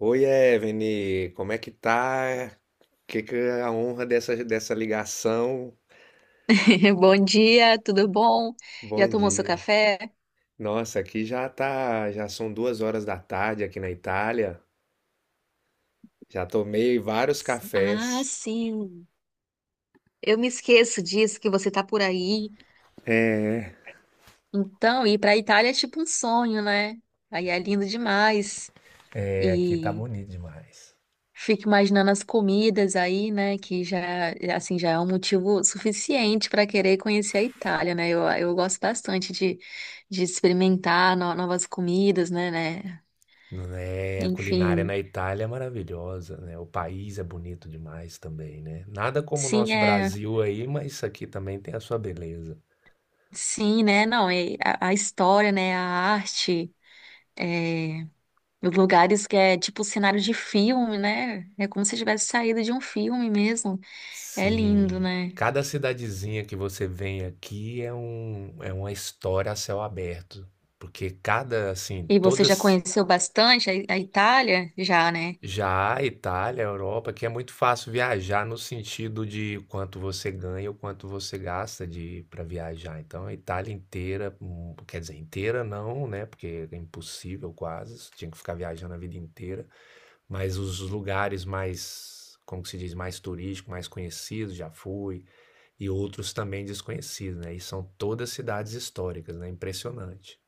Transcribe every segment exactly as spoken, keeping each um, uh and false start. Oi, Evelyn, como é que tá? Que que é a honra dessa, dessa ligação? Bom dia, tudo bom? Já Bom tomou seu dia. café? Nossa, aqui já tá, já são duas horas da tarde aqui na Itália. Já tomei vários Ah, cafés. sim. Eu me esqueço disso que você tá por aí. Então, ir pra Itália é tipo um sonho, né? Aí é lindo demais. É, aqui tá E bonito demais. fico imaginando as comidas aí, né? Que já, assim, já é um motivo suficiente para querer conhecer a Itália, né? Eu, eu gosto bastante de, de experimentar no- novas comidas, né, né? Não é, a culinária Enfim, na Itália é maravilhosa, né? O país é bonito demais também, né? Nada como o sim, nosso é. Brasil aí, mas isso aqui também tem a sua beleza. Sim, né? Não, e a, a história, né? A arte, é, os lugares que é tipo cenário de filme, né? É como se tivesse saído de um filme mesmo. É lindo, Sim. né? Cada cidadezinha que você vem aqui é um, é uma história a céu aberto, porque cada, assim, E você já todas conheceu bastante a, a Itália? Já, né? já a Itália, a Europa, que é muito fácil viajar no sentido de quanto você ganha ou quanto você gasta de para viajar. Então, a Itália inteira, hum, quer dizer, inteira não, né? Porque é impossível quase, você tinha que ficar viajando a vida inteira, mas os lugares mais, como que se diz, mais turísticos, mais conhecidos, já fui. E outros também desconhecidos, né? E são todas cidades históricas, né? Impressionante.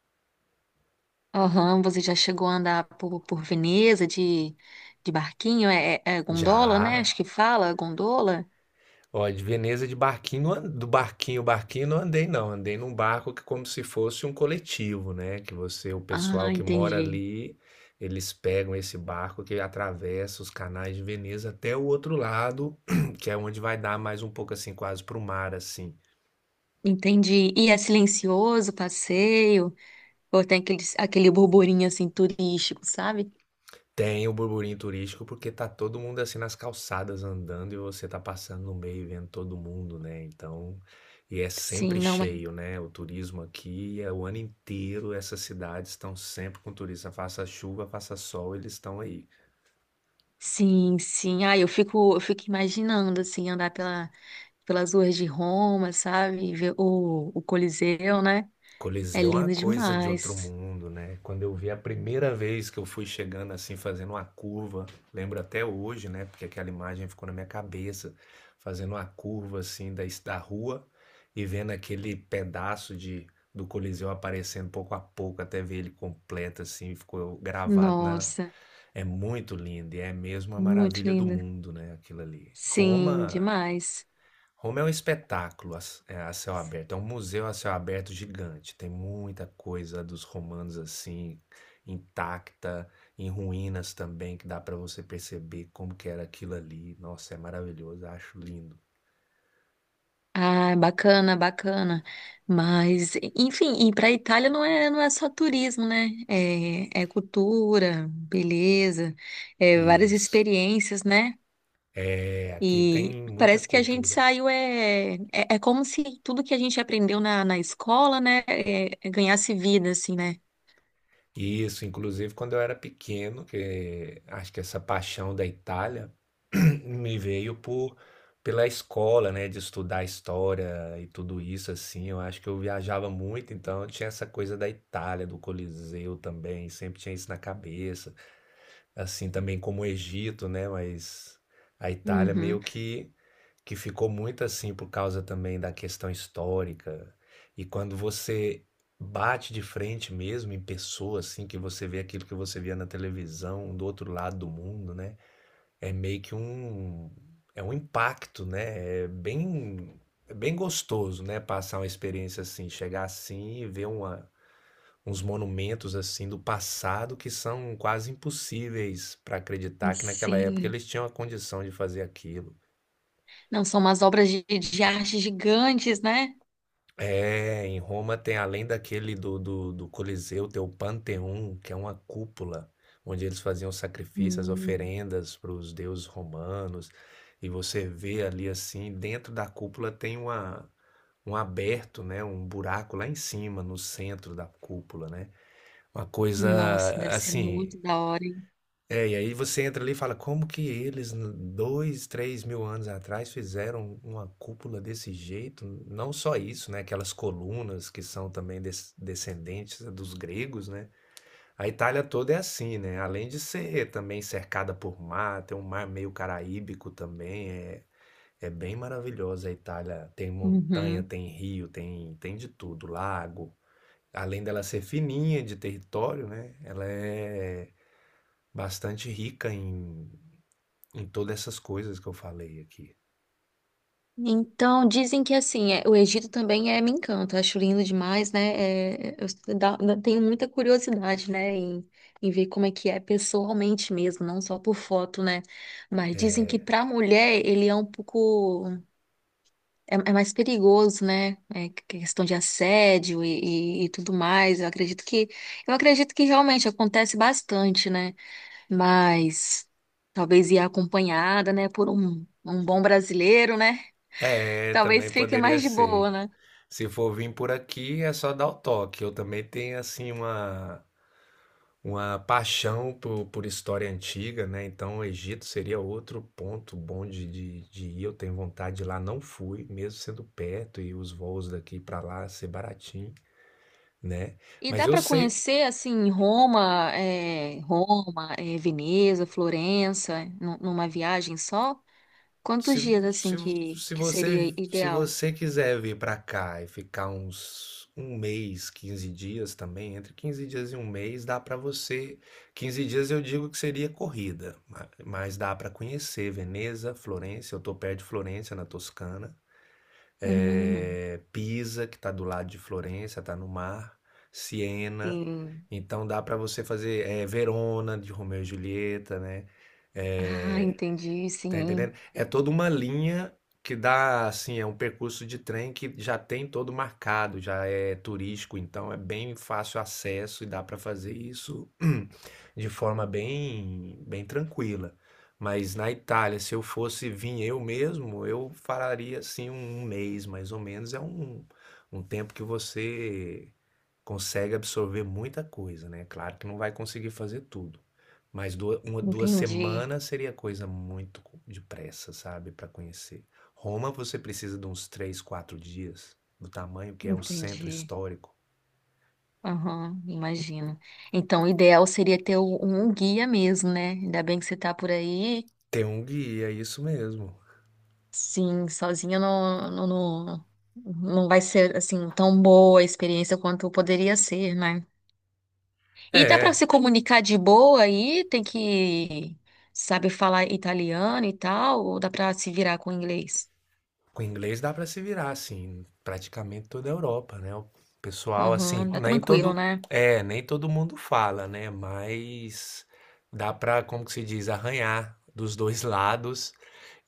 Aham, você já chegou a andar por, por Veneza de, de barquinho? É, é- é gondola, né? Já, Acho que fala, gondola. ó, de Veneza de barquinho, não an- do barquinho, barquinho não andei não, andei num barco que como se fosse um coletivo, né? Que você, o pessoal Ah, que mora entendi. ali, eles pegam esse barco que atravessa os canais de Veneza até o outro lado, que é onde vai dar mais um pouco assim, quase pro mar assim. Entendi. E é silencioso o passeio? Ou tem aquele, aquele burburinho assim turístico, sabe? Tem o burburinho turístico porque tá todo mundo assim nas calçadas andando e você tá passando no meio e vendo todo mundo, né? Então, e é Sim, sempre não, cheio, mas né? O turismo aqui é o ano inteiro, essas cidades estão sempre com turista, faça chuva, faça sol, eles estão aí. sim, sim. Ah, eu fico, eu fico imaginando assim andar pela, pelas ruas de Roma, sabe? E ver o, o Coliseu, né? É Coliseu é uma lindo coisa de outro demais. mundo, né? Quando eu vi a primeira vez que eu fui chegando assim, fazendo uma curva, lembro até hoje, né? Porque aquela imagem ficou na minha cabeça, fazendo uma curva assim da, da rua e vendo aquele pedaço de, do Coliseu aparecendo pouco a pouco até ver ele completo assim, ficou gravado na. Nossa, É muito lindo e é mesmo a muito maravilha do lindo. mundo, né? Aquilo ali. Sim, Roma demais. Roma é um espetáculo a, c- é, a céu aberto, é um museu a céu aberto gigante. Tem muita coisa dos romanos assim, intacta, em ruínas também, que dá para você perceber como que era aquilo ali. Nossa, é maravilhoso, acho lindo. Ah, bacana, bacana. Mas, enfim, e para a Itália não é, não é só turismo, né? É, é cultura, beleza, é várias Isso. experiências, né? É, aqui tem E muita parece que a gente cultura. saiu, é, é, é como se tudo que a gente aprendeu na, na escola, né, é- é ganhasse vida, assim, né? Isso, inclusive quando eu era pequeno, que acho que essa paixão da Itália me veio por pela escola, né, de estudar história e tudo isso assim. Eu acho que eu viajava muito, então eu tinha essa coisa da Itália, do Coliseu também, sempre tinha isso na cabeça assim também como o Egito, né? Mas a Itália Uhum. meio que que ficou muito assim por causa também da questão histórica. E quando você bate de frente mesmo em pessoa, assim, que você vê aquilo que você via na televisão um do outro lado do mundo, né? É meio que um é um impacto, né? É bem é bem gostoso, né? Passar uma experiência assim, chegar assim e ver uma uns monumentos assim do passado que são quase impossíveis para acreditar que naquela época Sim. eles tinham a condição de fazer aquilo. Não, são umas obras de, de arte gigantes, né? É, em Roma tem além daquele do, do, do Coliseu, tem o Panteão, que é uma cúpula onde eles faziam sacrifícios, Hum. oferendas para os deuses romanos. E você vê ali assim, dentro da cúpula tem uma, um aberto, né, um buraco lá em cima, no centro da cúpula, né? Uma coisa Nossa, deve ser assim. muito da hora, hein? É, e aí você entra ali e fala, como que eles, n- dois, três mil anos atrás, fizeram uma cúpula desse jeito? Não só isso, né? Aquelas colunas que são também des- descendentes dos gregos, né? A Itália toda é assim, né? Além de ser também cercada por mar, tem um mar meio caraíbico também, é, é bem maravilhosa a Itália. Tem montanha, Uhum. tem rio, tem, tem de tudo, lago. Além dela ser fininha de território, né? Ela é bastante rica em em todas essas coisas que eu falei aqui. Então, dizem que assim, é- o Egito também é, me encanta, acho lindo demais, né? É, eu dá- dá- tenho muita curiosidade, né, em, em ver como é que é pessoalmente mesmo, não só por foto, né? Mas dizem que para mulher ele é um pouco, é, é mais perigoso, né? É que- questão de assédio e, e, e tudo mais. Eu acredito que, eu acredito que realmente acontece bastante, né? Mas talvez ir acompanhada, né, por um, um bom brasileiro, né? É, Talvez também fique poderia mais de boa, ser. né? Se for vir por aqui, é só dar o toque. Eu também tenho, assim, uma, uma paixão por, por história antiga, né? Então, o Egito seria outro ponto bom de, de, de ir. Eu tenho vontade de ir lá, não fui, mesmo sendo perto e os voos daqui para lá ser baratinho, né? E Mas dá eu para sei. conhecer, assim, Roma, é, Roma, é, Veneza, Florença, nu- numa viagem só? Quantos Se, dias, assim, se, que, se que seria você, Se ideal? você quiser vir pra cá e ficar uns um mês, quinze dias também, entre quinze dias e um mês, dá pra você. Quinze dias eu digo que seria corrida, ma- mas dá pra conhecer Veneza, Florença, eu tô perto de Florença, na Toscana, Hum, é, Pisa, que tá do lado de Florença, tá no mar, Siena, sim. então dá pra você fazer é, Verona, de Romeu e Julieta, né? Ah, É, entendi, Tá sim. entendendo? É toda uma linha que dá, assim, é um percurso de trem que já tem todo marcado, já é turístico, então é bem fácil acesso e dá para fazer isso de forma bem, bem tranquila. Mas na Itália, se eu fosse vir eu mesmo, eu faria assim um um mês mais ou menos. É um, um tempo que você consegue absorver muita coisa, né? Claro que não vai conseguir fazer tudo, mas duas, uma, duas Entendi, semanas seria coisa muito depressa, sabe, para conhecer. Roma você precisa de uns três, quatro dias, do tamanho que é o centro entendi. histórico. Aham, imagino. Então, o ideal seria ter um um guia mesmo, né? Ainda bem que você tá por aí. Ter um guia, isso mesmo. Sim, sozinha não, não, não, não vai ser assim tão boa a experiência quanto poderia ser, né? E dá para É, se comunicar de boa aí? Tem que saber falar italiano e tal, ou dá para se virar com inglês? com inglês dá para se virar, assim, praticamente toda a Europa, né? O pessoal, assim, Aham, dá nem tranquilo, todo, né? é, nem todo mundo fala, né? Mas dá para, como que se diz, arranhar dos dois lados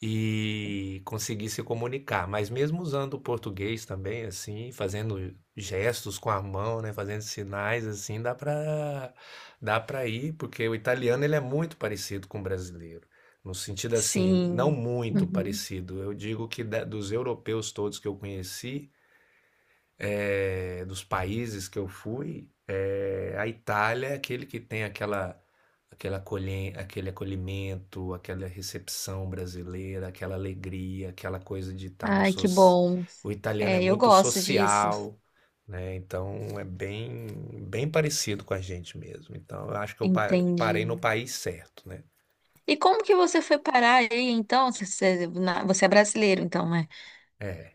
e conseguir se comunicar. Mas mesmo usando o português também, assim, fazendo gestos com a mão, né? Fazendo sinais, assim, dá para dá para ir, porque o italiano ele é muito parecido com o brasileiro. No sentido assim, não Sim. muito Uhum. parecido. Eu digo que da- dos europeus todos que eu conheci, eh, dos países que eu fui, eh, a Itália é aquele que tem aquela, aquela acolhe- aquele acolhimento, aquela recepção brasileira, aquela alegria, aquela coisa de estar no Ai, que soci... bom. O italiano é É, eu muito gosto disso. social, né? Então é bem, bem parecido com a gente mesmo. Então eu acho que eu pa- Entendi. parei no país certo, né? E como que você foi parar aí, então? Você, você na- você é brasileiro, então, né? É,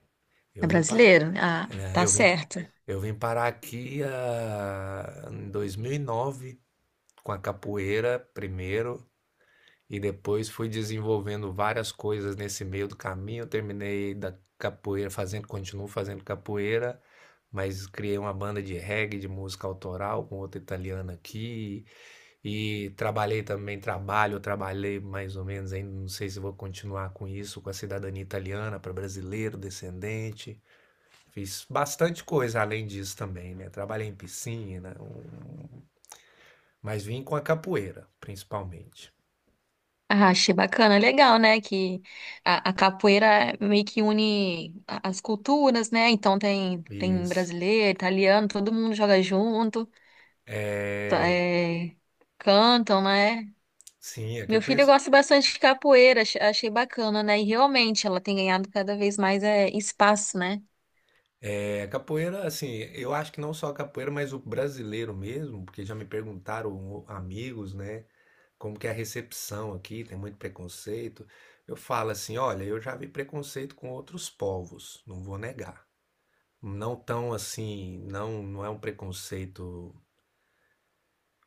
É eu vim parar. brasileiro? Ah, É, tá eu vim certo. Eu vim parar aqui ah, em dois mil e nove com a capoeira primeiro e depois fui desenvolvendo várias coisas nesse meio do caminho. Terminei da capoeira fazendo, continuo fazendo capoeira, mas criei uma banda de reggae, de música autoral com outra italiana aqui e trabalhei também, trabalho, trabalhei mais ou menos ainda, não sei se vou continuar com isso, com a cidadania italiana para brasileiro, descendente. Fiz bastante coisa além disso também, né? Trabalhei em piscina, um- mas vim com a capoeira, principalmente. Ah, achei bacana, legal, né? Que a, a capoeira meio que une a- as culturas, né? Então tem, tem Isso. brasileiro, italiano, todo mundo joga junto, tá, é é, cantam, né? Sim, é que eu Meu filho conheço. gosta bastante de capoeira, ach- achei bacana, né? E realmente ela tem ganhado cada vez mais é, espaço, né? É, capoeira, assim, eu acho que não só a capoeira, mas o brasileiro mesmo, porque já me perguntaram o- amigos, né, como que é a recepção aqui, tem muito preconceito. Eu falo assim, olha, eu já vi preconceito com outros povos, não vou negar. Não tão assim, não, não é um preconceito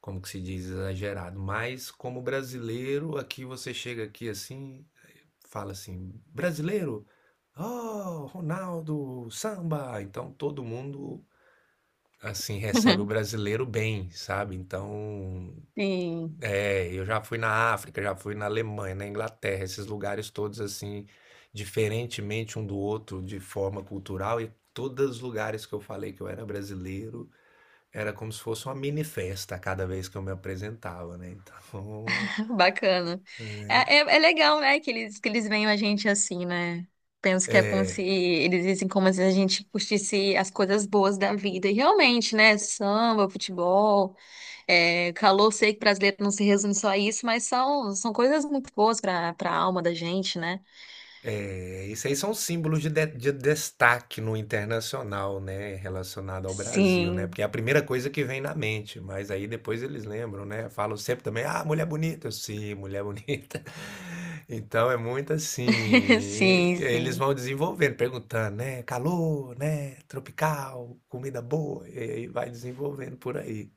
como que se diz, exagerado. Mas como brasileiro, aqui você chega aqui assim, fala assim, brasileiro, oh, Ronaldo, samba. Então todo mundo assim recebe o brasileiro bem, sabe? Então, Sim. é, eu já fui na África, já fui na Alemanha, na Inglaterra, esses lugares todos assim, diferentemente um do outro de forma cultural e todos os lugares que eu falei que eu era brasileiro, era como se fosse uma mini festa cada vez que eu me apresentava, né? Então, Bacana. É, é, é legal, né, que eles, que eles veem a gente assim, né? Penso que é como se eles dizem como se a gente curtisse as coisas boas da vida. E realmente, né? Samba, futebol, é, calor, sei que brasileiro não se resume só a isso, mas são, são coisas muito boas para para a alma da gente, né? é, isso aí são símbolos de, de- de destaque no internacional, né? Relacionado ao Brasil, né? Sim, Porque é a primeira coisa que vem na mente, mas aí depois eles lembram, né? Falam sempre também, ah, mulher bonita. Eu, Sim, mulher bonita. Então é muito assim. sim, Eles sim. vão desenvolvendo, perguntando, né? Calor, né? Tropical, comida boa, e aí vai desenvolvendo por aí.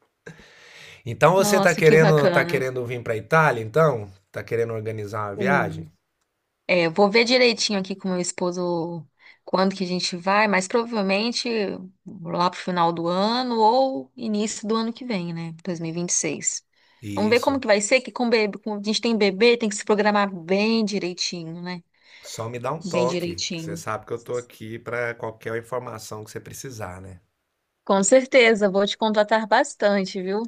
Então você tá Nossa, que querendo, tá bacana. querendo vir pra Itália, então? Tá querendo organizar uma Sim. viagem? É, eu vou ver direitinho aqui com meu esposo quando que a gente vai, mas provavelmente lá pro final do ano ou início do ano que vem, né? dois mil e vinte e seis. Vamos ver como Isso. que vai ser, que com bebê, com- a gente tem bebê, tem que se programar bem direitinho, né? Só me dá um Bem toque, que você direitinho. sabe que eu tô aqui pra qualquer informação que você precisar, né? Com certeza, vou te contratar bastante, viu?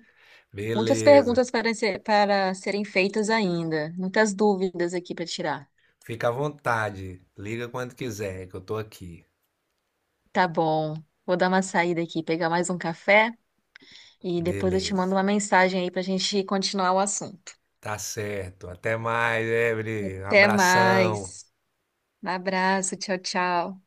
Muitas Beleza. perguntas para ser- para serem feitas ainda, muitas dúvidas aqui para tirar. Fica à vontade. Liga quando quiser, que eu tô aqui. Tá bom. Vou dar uma saída aqui, pegar mais um café. E depois eu te mando Beleza. uma mensagem aí pra gente continuar o assunto. Tá certo. Até mais, Evelyn. Até Abração. mais. Um abraço, tchau, tchau.